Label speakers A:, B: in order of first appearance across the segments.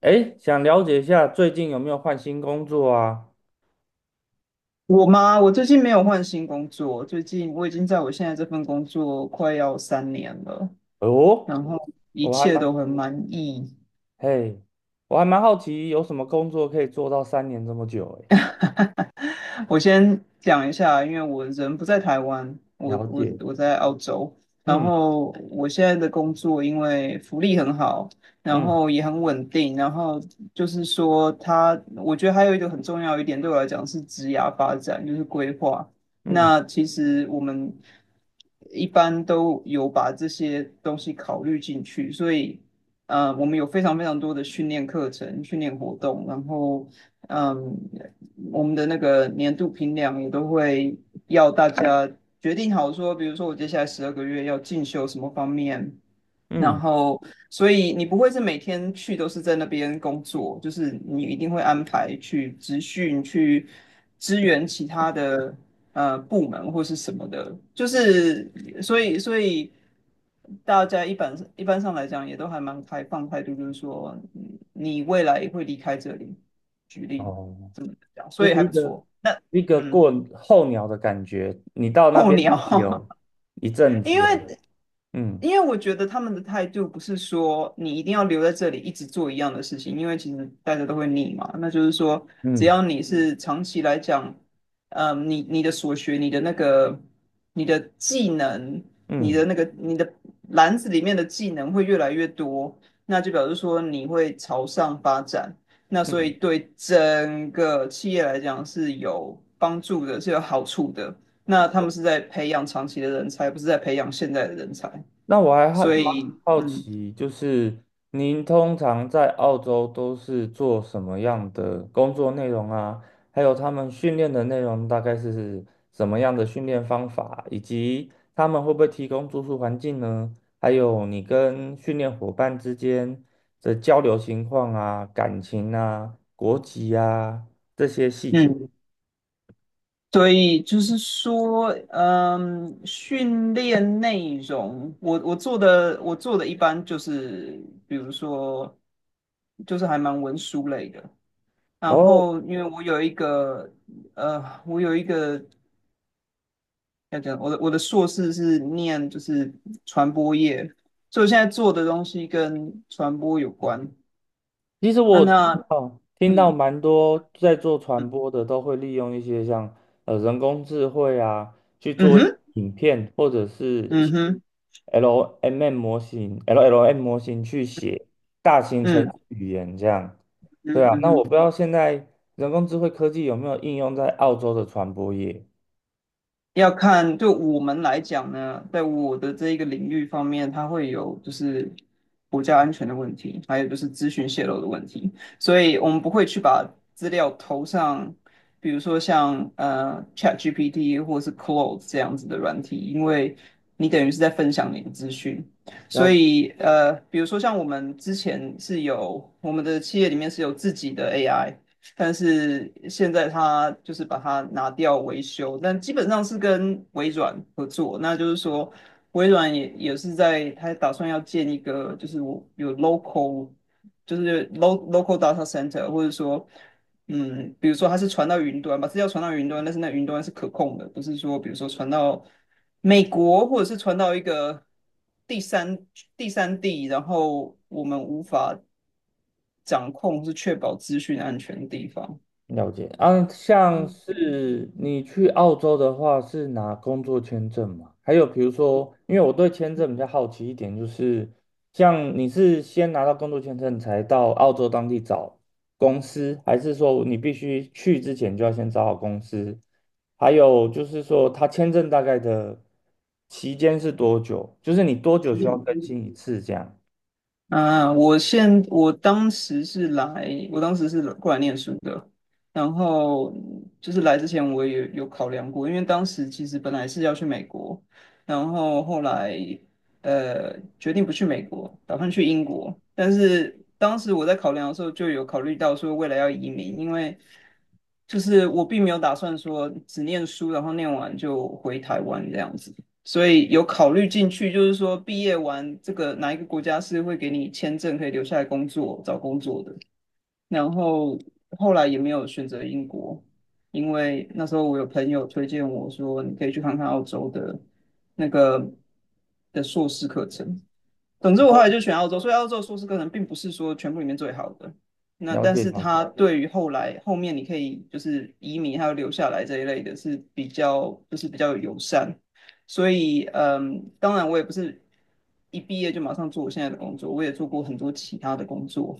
A: 哎，想了解一下最近有没有换新工作啊？
B: 我吗？我最近没有换新工作，最近我已经在我现在这份工作快要3年了，
A: 哦，
B: 然后一
A: 我还
B: 切
A: 蛮，
B: 都很满意。
A: 嘿，我还蛮好奇有什么工作可以做到三年这么久哎。
B: 我先讲一下，因为我人不在台湾，我
A: 了
B: 我
A: 解，
B: 我在澳洲，然
A: 嗯
B: 后我现在的工作因为福利很好，然
A: 嗯
B: 后也很稳定，然后就是说他我觉得还有一个很重要一点对我来讲是职涯发展，就是规划。
A: 嗯
B: 那其实我们一般都有把这些东西考虑进去，所以我们有非常非常多的训练课程、训练活动，然后。嗯，我们的那个年度评量也都会要大家决定好说，比如说我接下来12个月要进修什么方面，然
A: 嗯，
B: 后所以你不会是每天去都是在那边工作，就是你一定会安排去职训、去支援其他的部门或是什么的，就是所以大家一般上来讲也都还蛮开放态度，就是说你未来也会离开这里，举例。
A: 哦，
B: 这样
A: 就
B: 所以
A: 是
B: 还
A: 一
B: 不
A: 个
B: 错。那
A: 一个
B: 嗯，
A: 过候鸟的感觉，你到那
B: 候
A: 边
B: 鸟，
A: 有一阵
B: 因
A: 子啊，
B: 为
A: 嗯
B: 因为我觉得他们的态度不是说你一定要留在这里一直做一样的事情，因为其实大家都会腻嘛。那就是说，只要
A: 嗯
B: 你是长期来讲，嗯，你的所学、你的那个、你的技能、你
A: 嗯
B: 的那个、你的篮子里面的技能会越来越多，那就表示说你会朝上发展。那所
A: 嗯
B: 以对整个企业来讲是有帮助的，是有好处的。那他们是在培养长期的人才，不是在培养现在的人才。
A: 那我还好
B: 所
A: 蛮
B: 以，
A: 好
B: 嗯
A: 奇，就是您通常在澳洲都是做什么样的工作内容啊？还有他们训练的内容大概是什么样的训练方法，以及他们会不会提供住宿环境呢？还有你跟训练伙伴之间的交流情况啊、感情啊、国籍啊这些细节。
B: 嗯，所以就是说，嗯，训练内容，我做的一般就是，比如说，就是还蛮文书类的。然
A: 哦，
B: 后，因为我有一个要讲，我的硕士是念就是传播业，所以我现在做的东西跟传播有关。
A: 其实
B: 啊，
A: 我听
B: 那，
A: 到听到
B: 嗯
A: 蛮多在做传
B: 嗯
A: 播的都会利用一些像人工智慧啊去
B: 嗯
A: 做
B: 哼，
A: 影片或者是
B: 嗯哼，
A: LMM 模型、LLM 模型去写大型程式
B: 嗯
A: 语言这样。对
B: 嗯
A: 啊，
B: 嗯
A: 那我
B: 哼。
A: 不知道现在人工智慧科技有没有应用在澳洲的传播业？
B: 要看对我们来讲呢，在我的这一个领域方面，它会有就是国家安全的问题，还有就是资讯泄露的问题，所以我们不会去把资料投上，比如说像ChatGPT 或是 Claude 这样子的软体，因为你等于是在分享你的资讯，所以比如说像我们之前是有我们的企业里面是有自己的 AI。但是现在他就是把它拿掉维修，但基本上是跟微软合作，那就是说微软也是在他打算要建一个就是我有 local 就是 local data center，或者说比如说它是传到云端，把资料传到云端，但是那云端是可控的，不是说比如说传到美国，或者是传到一个第三第三地，然后我们无法掌控，是确保资讯安全的地方。
A: 了解啊，像是你去澳洲的话，是拿工作签证嘛？还有比如说，因为我对签证比较好奇一点，就是像你是先拿到工作签证才到澳洲当地找公司，还是说你必须去之前就要先找好公司？还有就是说，他签证大概的期间是多久？就是你多久需要更新一次这样？
B: 啊，我当时是来过来念书的，然后就是来之前我也有考量过，因为当时其实本来是要去美国，然后后来决定不去美国，打算去英国，但是当时我在考量的时候就有考虑到说未来要移民，因为就是我并没有打算说只念书，然后念完就回台湾这样子。所以有考虑进去，就是说毕业完这个哪一个国家是会给你签证可以留下来工作、找工作的。然后后来也没有选择英国，因为那时候我有朋友推荐我说你可以去看看澳洲的那个的硕士课程，总之我后来
A: 哦，
B: 就选澳洲，所以澳洲的硕士课程并不是说全部里面最好的，那
A: 了
B: 但
A: 解
B: 是
A: 了解，
B: 它对于后来后面你可以就是移民还有留下来这一类的是比较就是比较友善，所以嗯，当然我也不是一毕业就马上做我现在的工作，我也做过很多其他的工作，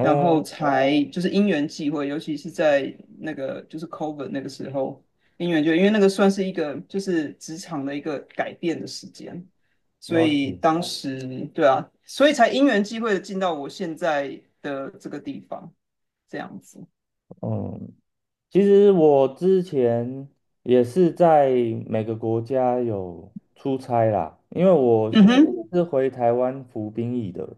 B: 然后才就是因缘际会，尤其是在那个就是 COVID 那个时候，因缘就因为那个算是一个就是职场的一个改变的时间，所
A: 了
B: 以
A: 解，
B: 当时对啊，所以才因缘际会的进到我现在的这个地方，这样子。
A: 嗯。其实我之前也是在每个国家有出差啦，因为我
B: 嗯哼，
A: 是回台湾服兵役的。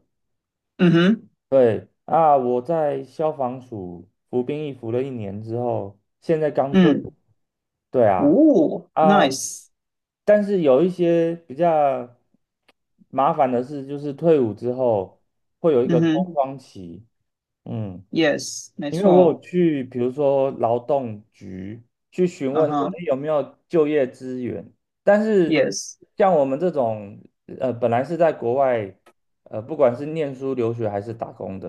B: 嗯哼，
A: 对啊，我在消防署服兵役服了一年之后，现在刚退伍。
B: 嗯，
A: 对啊，
B: 哦
A: 啊，
B: ，nice，
A: 但是有一些比较麻烦的事，就是退伍之后会有一
B: 嗯
A: 个空
B: 哼
A: 窗期。嗯。
B: ，yes，没
A: 因为我
B: 错，
A: 有去，比如说劳动局去询
B: 嗯
A: 问说，
B: 哼
A: 哎，有没有就业资源？但是
B: ，yes，
A: 像我们这种，本来是在国外，不管是念书、留学还是打工的，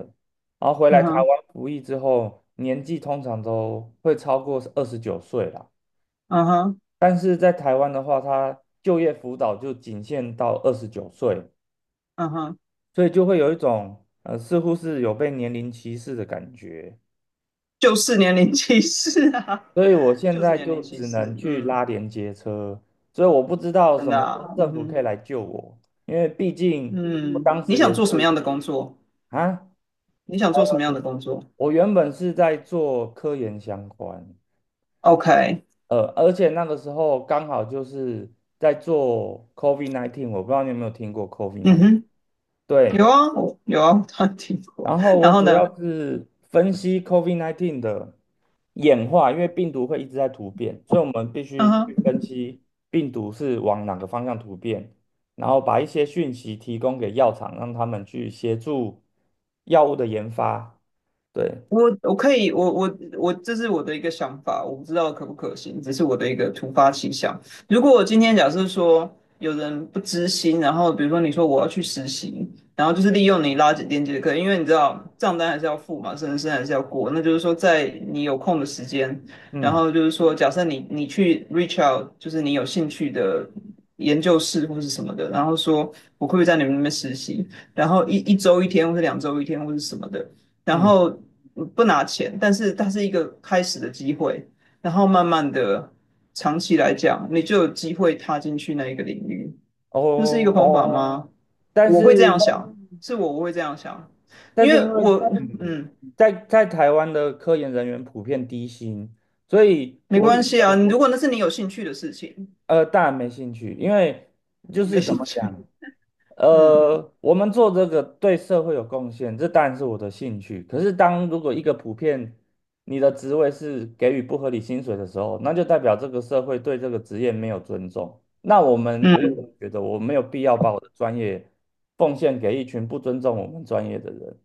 A: 然后回
B: 嗯
A: 来台
B: 哼，
A: 湾服役之后，年纪通常都会超过二十九岁啦。
B: 嗯哼，
A: 但是在台湾的话，他就业辅导就仅限到二十九岁，
B: 嗯哼。
A: 所以就会有一种，似乎是有被年龄歧视的感觉。
B: 就是年龄歧视啊，
A: 所以 我现
B: 就是
A: 在
B: 年
A: 就
B: 龄歧
A: 只能
B: 视，
A: 去
B: 嗯，
A: 拉连接车，所以我不知道
B: 真
A: 什
B: 的
A: 么时候
B: 啊，嗯
A: 政府可
B: 哼，
A: 以来救我，因为毕竟我
B: 嗯，
A: 当
B: 你
A: 时也
B: 想做什么
A: 是
B: 样的工作？
A: 啊，
B: 你想做什么样的工作
A: 我原本是在做科研相关，
B: ？OK，
A: 而且那个时候刚好就是在做 COVID-19，我不知道你有没有听过
B: 嗯
A: COVID-19，
B: 哼，有
A: 对，
B: 啊，有啊，他听过。
A: 然后
B: 然
A: 我
B: 后
A: 主要
B: 呢？
A: 是分析 COVID-19 的演化，因为病毒会一直在突变，所以我们必
B: 嗯
A: 须去
B: 哼。
A: 分析病毒是往哪个方向突变，然后把一些讯息提供给药厂，让他们去协助药物的研发。对，
B: 我我可以，我我我，这是我的一个想法，我不知道可不可行，只是我的一个突发奇想。如果我今天假设说有人不知心，然后比如说你说我要去实习，然后就是利用你拉紧电的课，因为你知道账单还是要付嘛，生还是要过，那就是说在你有空的时间，然
A: 嗯
B: 后就是说假设你你去 reach out，就是你有兴趣的研究室或是什么的，然后说我会不会在你们那边实习，然后一周一天，或是两周一天，或是什么的。然
A: 嗯，
B: 后不拿钱，但是它是一个开始的机会，然后慢慢的长期来讲，你就有机会踏进去那一个领域，这是一个
A: 哦，
B: 方法哦，吗？
A: 但
B: 我会这样
A: 是
B: 想，是我会这样想，
A: 但
B: 因
A: 是
B: 为
A: 因为
B: 我
A: 嗯，
B: 嗯
A: 在台湾的科研人员普遍低薪，所以
B: 没
A: 我
B: 关系啊，如果那是你有兴趣的事情，
A: 当然没兴趣，因为就
B: 你没
A: 是怎
B: 兴
A: 么
B: 趣，
A: 讲。
B: 嗯。
A: 我们做这个对社会有贡献，这当然是我的兴趣。可是，当如果一个普遍你的职位是给予不合理薪水的时候，那就代表这个社会对这个职业没有尊重。那我们，我
B: 嗯，
A: 觉得我没有必要把我的专业奉献给一群不尊重我们专业的人。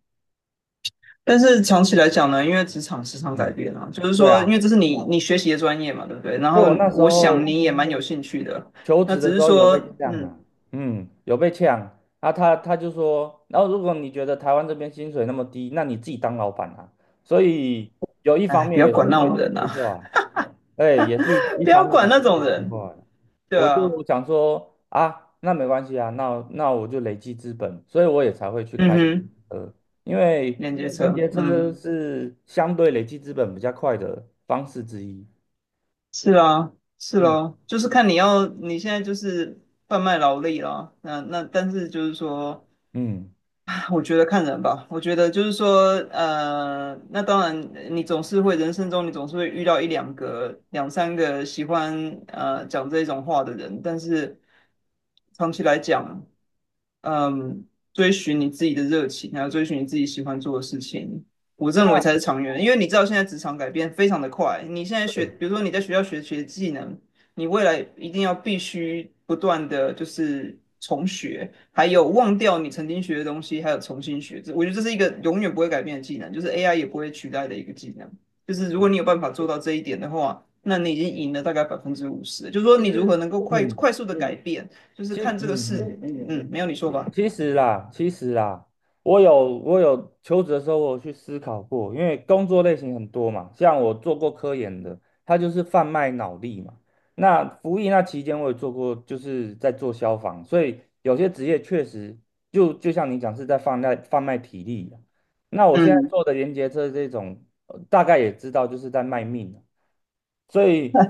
B: 但是长期来讲呢，因为职场时常改
A: 嗯，
B: 变啊，就是
A: 对
B: 说，因为
A: 啊，
B: 这是你学习的专业嘛，对不对？然
A: 所
B: 后
A: 以我那时
B: 我想
A: 候。
B: 你也蛮有兴趣的，
A: 求
B: 那
A: 职
B: 只
A: 的时
B: 是
A: 候有被
B: 说，
A: 呛
B: 嗯，
A: 啊，嗯，有被呛啊他就说，然后如果你觉得台湾这边薪水那么低，那你自己当老板啊。所以有一方
B: 哎，不
A: 面
B: 要
A: 也是
B: 管那
A: 因为
B: 种
A: 这
B: 人呐、
A: 句
B: 啊
A: 话，哎，也是 一
B: 不
A: 方
B: 要
A: 面也
B: 管那
A: 是这
B: 种
A: 句
B: 人，
A: 话，
B: 对
A: 我
B: 啊，
A: 就想说啊，那没关系啊，那我就累积资本，所以我也才会去
B: 嗯
A: 开
B: 哼，
A: 呃，因为
B: 连接
A: 连
B: 车，
A: 接车
B: 嗯，
A: 是相对累积资本比较快的方式之一。
B: 是啊，是
A: 嗯
B: 咯，就是看你要，你现在就是贩卖劳力啦，那但是就是说，
A: 嗯
B: 啊我觉得看人吧，我觉得就是说，呃，那当然，你总是会人生中你总是会遇到一两个、两三个喜欢讲这种话的人，但是长期来讲。嗯，追寻你自己的热情，还有追寻你自己喜欢做的事情，我认为才是长远的。因为你知道现在职场改变非常的快，你现在学，比如说你在学校学技能，你未来一定要必须不断的就是重学，还有忘掉你曾经学的东西，还有重新学。这我觉得这是一个永远不会改变的技能，就是 AI 也不会取代的一个技能。就是如果你有办法做到这一点的话，那你已经赢了大概50%。就是说你如何能够快
A: 嗯，
B: 快速的改变。就是
A: 其实
B: 看这个
A: 嗯嗯。
B: 事，没有你说吧，
A: 其实啦，其实啦，我有求职的时候，我有去思考过，因为工作类型很多嘛，像我做过科研的，它就是贩卖脑力嘛。那服役那期间，我也做过，就是在做消防，所以有些职业确实就像你讲是在贩卖体力啊。那我现在
B: 嗯，
A: 做
B: 有
A: 的连接车这种，大概也知道就是在卖命啊，所以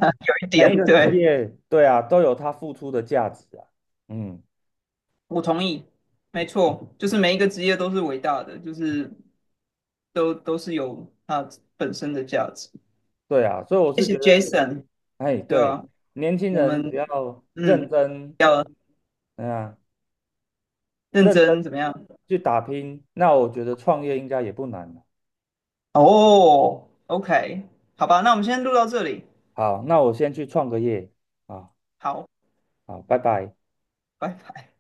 B: 一
A: 每一
B: 点
A: 个职
B: 对，
A: 业，对啊，都有它付出的价值啊，嗯。
B: 我同意，没错，就是每一个职业都是伟大的，就是都是有它本身的价值。
A: 对啊，所以我
B: 谢
A: 是
B: 谢
A: 觉得，
B: Jason，
A: 哎，
B: 对
A: 对，
B: 吧？
A: 年轻
B: 我
A: 人
B: 们
A: 只要认
B: 嗯
A: 真，
B: 要
A: 嗯啊，
B: 认
A: 认真
B: 真怎么样？
A: 去打拼，那我觉得创业应该也不难。
B: 哦，OK，好吧，那我们先录到这里，
A: 好，那我先去创个业啊，
B: 好，
A: 好，拜拜。
B: 拜拜。